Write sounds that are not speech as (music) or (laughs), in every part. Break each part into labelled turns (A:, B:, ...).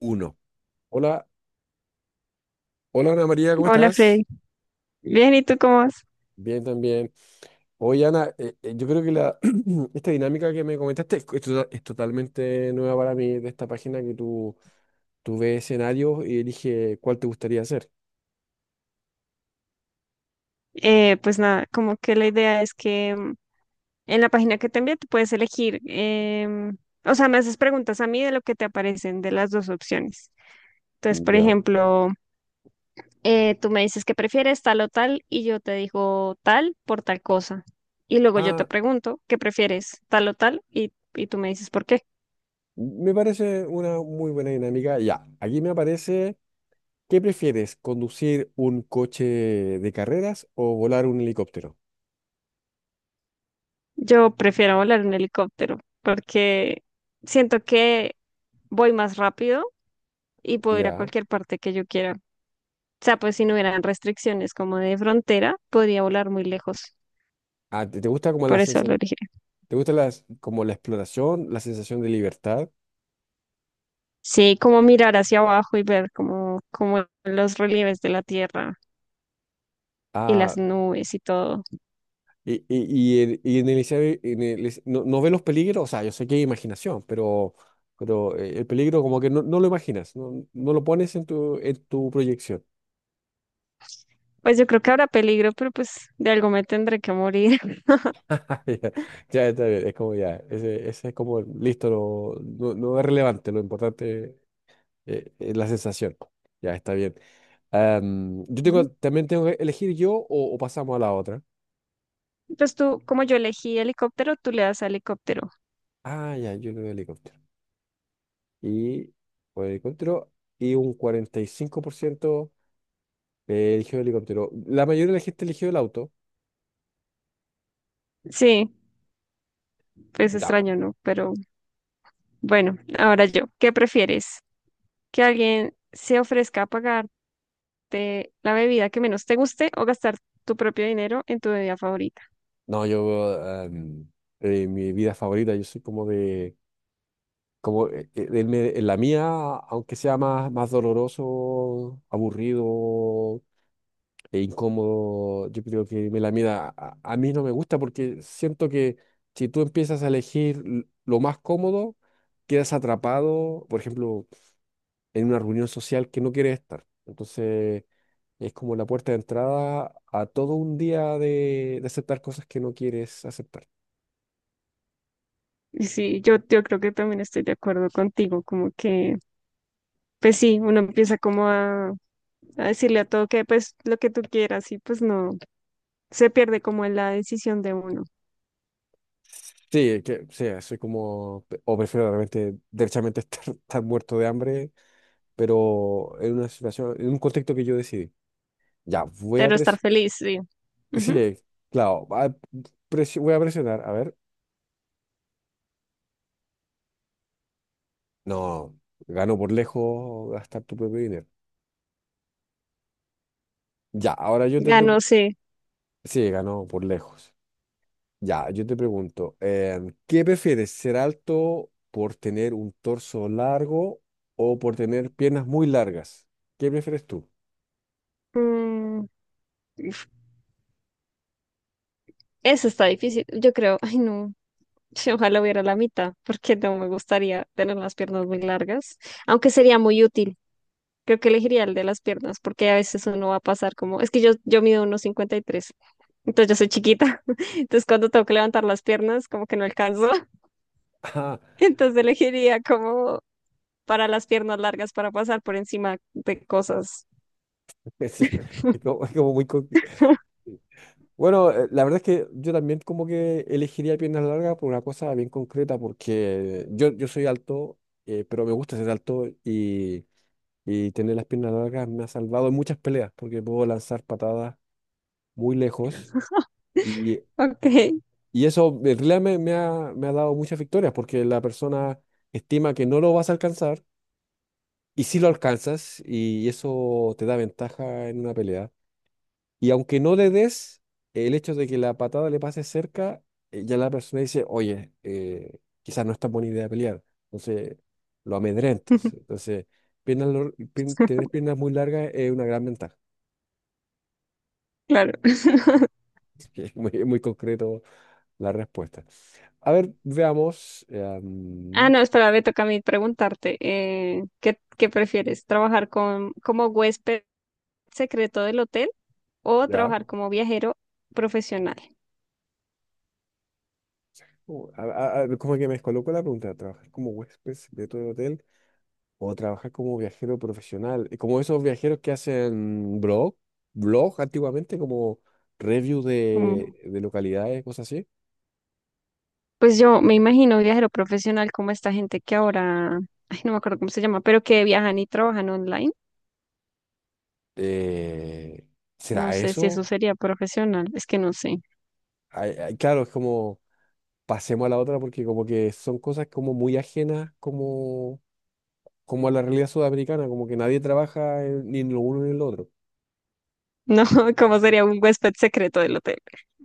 A: Uno. Hola, hola Ana María, ¿cómo
B: Hola
A: estás?
B: Freddy. Bien, ¿y tú cómo vas?
A: Bien, también. Oye Ana, yo creo que (clears throat) esta dinámica que me comentaste es totalmente nueva para mí, de esta página que tú ves escenarios y elige cuál te gustaría hacer.
B: Pues nada, como que la idea es que en la página que te envié tú puedes elegir, o sea, me haces preguntas a mí de lo que te aparecen de las dos opciones. Entonces, por
A: Ya.
B: ejemplo, tú me dices que prefieres tal o tal y yo te digo tal por tal cosa. Y luego yo te
A: Ah,
B: pregunto qué prefieres tal o tal y tú me dices por qué.
A: me parece una muy buena dinámica. Ya, aquí me aparece, ¿qué prefieres? ¿Conducir un coche de carreras o volar un helicóptero?
B: Yo prefiero volar en helicóptero porque siento que voy más rápido y puedo ir a
A: Ya.
B: cualquier parte que yo quiera. O sea, pues si no hubieran restricciones como de frontera, podría volar muy lejos.
A: Ah, ¿te gusta como la
B: Por eso
A: sensa-
B: lo dije.
A: ¿Te gusta las, como la exploración, la sensación de libertad?
B: Sí, como mirar hacia abajo y ver como los relieves de la tierra y
A: Ah,
B: las nubes y todo.
A: y en el no, no ve los peligros, o sea, yo sé que hay imaginación, pero el peligro como que no, no lo imaginas, no, no lo pones en en tu proyección.
B: Pues yo creo que habrá peligro, pero pues de algo me tendré que morir.
A: (laughs) Ah, ya, ya está bien, es como ya, ese es como, listo, no, no es relevante, lo importante es la sensación. Ya está bien. Yo
B: (laughs) Ujú.
A: tengo, también tengo que elegir yo o pasamos a la otra.
B: Entonces tú, como yo elegí helicóptero, tú le das a helicóptero.
A: Ah, ya, yo el helicóptero. Y por helicóptero y un 45%. Eligió el helicóptero. La mayoría de la gente eligió el auto.
B: Sí, pues
A: Ya.
B: extraño, ¿no? Pero bueno, ahora yo, ¿qué prefieres? ¿Que alguien se ofrezca a pagarte la bebida que menos te guste o gastar tu propio dinero en tu bebida favorita?
A: No, yo, em, mi vida favorita, yo soy como de, como del en la mía, aunque sea más, más doloroso, aburrido e incómodo, yo creo que me la mía a mí no me gusta porque siento que si tú empiezas a elegir lo más cómodo, quedas atrapado, por ejemplo, en una reunión social que no quieres estar. Entonces es como la puerta de entrada a todo un día de aceptar cosas que no quieres aceptar.
B: Y sí, yo creo que también estoy de acuerdo contigo, como que, pues sí, uno empieza como a decirle a todo que pues lo que tú quieras y pues no, se pierde como en la decisión de uno.
A: Sí, soy como, o prefiero realmente, derechamente estar, (laughs) estar muerto de hambre, pero en una situación, en un contexto que yo decidí. Ya, voy a
B: Pero estar
A: presionar,
B: feliz, sí. Ujú.
A: sí, claro, voy a presionar, a ver, no, ganó por lejos gastar tu propio dinero. Ya, ahora yo te
B: Ya no
A: pregunto,
B: sé.
A: sí, ganó por lejos. Ya, yo te pregunto, em, ¿qué prefieres, ser alto por tener un torso largo o por tener piernas muy largas? ¿Qué prefieres tú?
B: Mm, uf, Eso está difícil. Yo creo, ay no, sí, ojalá hubiera la mitad, porque no me gustaría tener las piernas muy largas, aunque sería muy útil. Creo que elegiría el de las piernas, porque a veces uno va a pasar como, es que yo mido unos 53. Entonces yo soy chiquita. (laughs) Entonces cuando tengo que levantar las piernas, como que no alcanzo. (laughs)
A: (laughs)
B: Entonces elegiría como para las piernas largas para pasar por encima de cosas.
A: Ah, sí, es como muy bueno, la verdad es que yo también como que elegiría piernas largas por una cosa bien concreta, porque yo soy alto, pero me gusta ser alto y tener las piernas largas me ha salvado en muchas peleas, porque puedo lanzar patadas muy lejos.
B: Ok,
A: Y eso en realidad me ha dado muchas victorias porque la persona estima que no lo vas a alcanzar y sí lo alcanzas y eso te da ventaja en una pelea. Y aunque no le des, el hecho de que la patada le pase cerca, ya la persona dice, oye, quizás no es tan buena idea pelear. Entonces lo amedrentas.
B: (laughs)
A: Entonces, tener piernas muy largas es una gran ventaja.
B: claro.
A: (laughs) Así que es muy, muy concreto la respuesta. A ver, veamos.
B: Ah, no, espera, me toca a mí preguntarte, ¿qué prefieres? ¿Trabajar con, como huésped secreto del hotel o
A: Ya.
B: trabajar como viajero profesional?
A: Uh, a- como que me descolocó la pregunta, ¿trabajar como huésped secreto de hotel o trabajar como viajero profesional? Como esos viajeros que hacen blog antiguamente, como review
B: Como-
A: de localidades, cosas así.
B: pues yo me imagino viajero profesional como esta gente que ahora, ay, no me acuerdo cómo se llama, pero que viajan y trabajan online.
A: Eh,
B: No
A: ¿Será
B: sé si eso
A: eso?
B: sería profesional, es que no sé.
A: Ay, ay, claro, es como pasemos a la otra porque como que son cosas como muy ajenas como, como a la realidad sudamericana, como que nadie trabaja ni en lo uno ni en lo otro.
B: No, (laughs) ¿cómo sería un huésped secreto del hotel?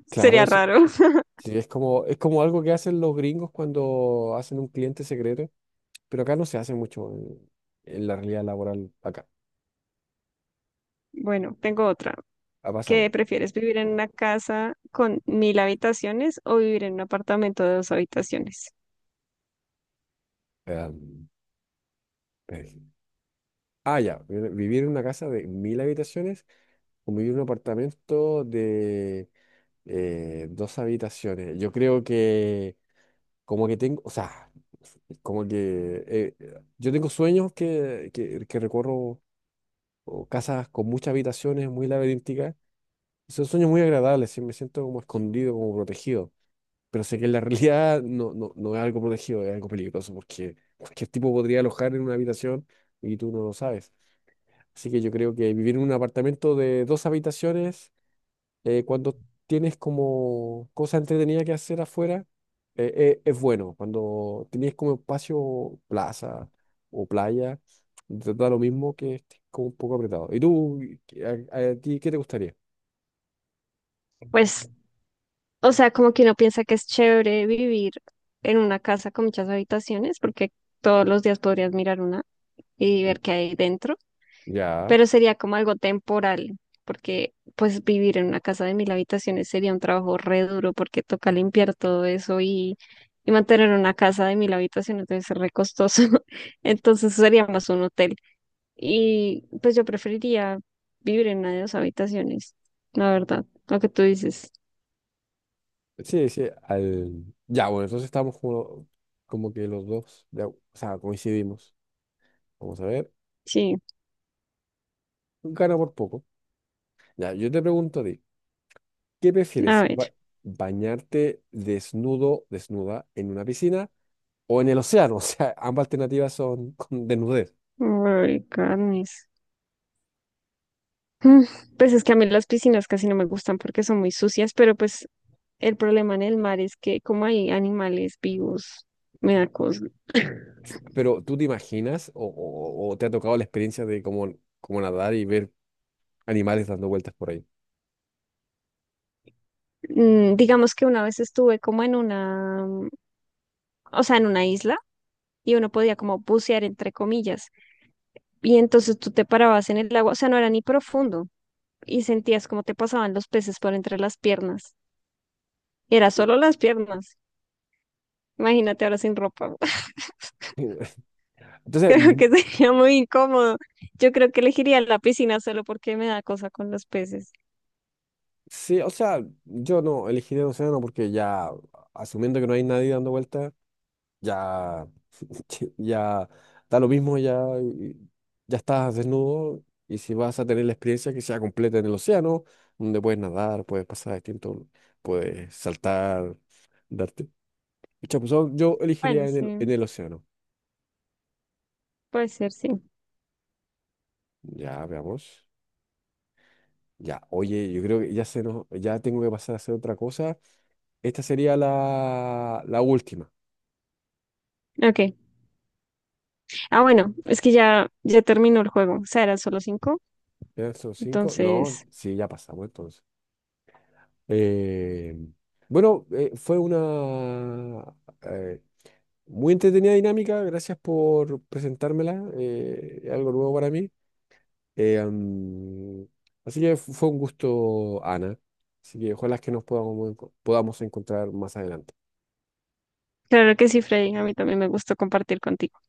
A: Claro,
B: Sería raro. (laughs)
A: sí, es como algo que hacen los gringos cuando hacen un cliente secreto, pero acá no se hace mucho en la realidad laboral acá.
B: Bueno, tengo otra.
A: Ha
B: ¿Qué
A: pasado.
B: prefieres, vivir en una casa con 1.000 habitaciones o vivir en un apartamento de dos habitaciones?
A: Em, eh, ah, ya. Vivir en una casa de mil habitaciones o vivir en un apartamento de dos habitaciones. Yo creo que como que tengo, o sea, como que yo tengo sueños que recorro o casas con muchas habitaciones muy laberínticas. Son sueños muy agradables, sí, me siento como escondido, como protegido. Pero sé que en la (laughs) realidad no, no, no es algo protegido, es algo peligroso, porque cualquier tipo podría alojar en una habitación y tú no lo sabes. Así que yo creo que vivir en un apartamento de dos habitaciones, cuando tienes como cosas entretenidas que hacer afuera, es bueno. Cuando tienes como espacio, plaza o playa, te da lo mismo que estés como un poco apretado. ¿Y tú, a ti, qué te gustaría?
B: Pues, o sea, como que uno piensa que es chévere vivir en una casa con muchas habitaciones porque todos los días podrías mirar una y
A: Mm,
B: ver qué hay dentro,
A: ya.
B: pero sería como algo temporal, porque pues vivir en una casa de 1.000 habitaciones sería un trabajo re duro porque toca limpiar todo eso y mantener una casa de 1.000 habitaciones debe ser re costoso. (laughs) Entonces sería más un hotel. Y pues yo preferiría vivir en una de dos habitaciones, la verdad, lo que tú dices.
A: Sí, sí, al... Ya, bueno, entonces estamos como, como que los dos, ya, o sea, coincidimos. Vamos a ver,
B: Sí,
A: gana por poco. Ya, yo te pregunto a ti, ¿qué
B: a
A: prefieres?
B: ver.
A: ¿Bañarte desnudo, desnuda, en una piscina o en el océano? (laughs) O sea, ambas alternativas son con desnudez.
B: Ay, carnes. Mm, Pues es que a mí las piscinas casi no me gustan porque son muy sucias, pero pues el problema en el mar es que como hay animales vivos, me da cosa. (clears throat)
A: Pero ¿tú te imaginas o te ha tocado la experiencia de cómo, cómo nadar y ver animales dando vueltas por ahí?
B: Digamos que una vez estuve como en una, o sea, en una isla y uno podía como bucear entre comillas. Y entonces tú te parabas en el agua, o sea, no era ni profundo y sentías como te pasaban los peces por entre las piernas. Era solo las piernas. Imagínate ahora sin ropa. (laughs)
A: Entonces,
B: Creo
A: mm,
B: que sería muy incómodo. Yo creo que elegiría la piscina solo porque me da cosa con los peces.
A: sí, o sea, yo no elegiría el océano porque ya asumiendo que no hay nadie dando vueltas ya, (laughs) ya da lo mismo, ya, ya estás desnudo y si vas a tener la experiencia que sea completa en el océano, donde puedes nadar, puedes pasar distinto, puedes saltar, darte. Pucha, pues, yo elegiría
B: Bueno,
A: en en
B: sí,
A: el océano.
B: puede ser, sí.
A: Ya, veamos. Ya, oye, yo creo que ya se nos, ya tengo que pasar a hacer otra cosa. Esta sería la última.
B: Ok. Ah, bueno, es que ya, ya terminó el juego. O sea, eran solo cinco.
A: ¿Ya son 5? No,
B: Entonces,
A: sí, ya pasamos entonces. Eh, bueno, fue una eh, muy entretenida dinámica. Gracias por presentármela. Eh, es algo nuevo para mí. Eh, am, así que fue un gusto, Ana. Así que ojalá que nos podamos, podamos encontrar más adelante.
B: claro que sí, Freddy. A mí también me gustó compartir contigo.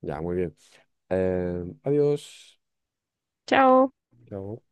A: Ya, muy bien. Adiós.
B: Chao.
A: Chao.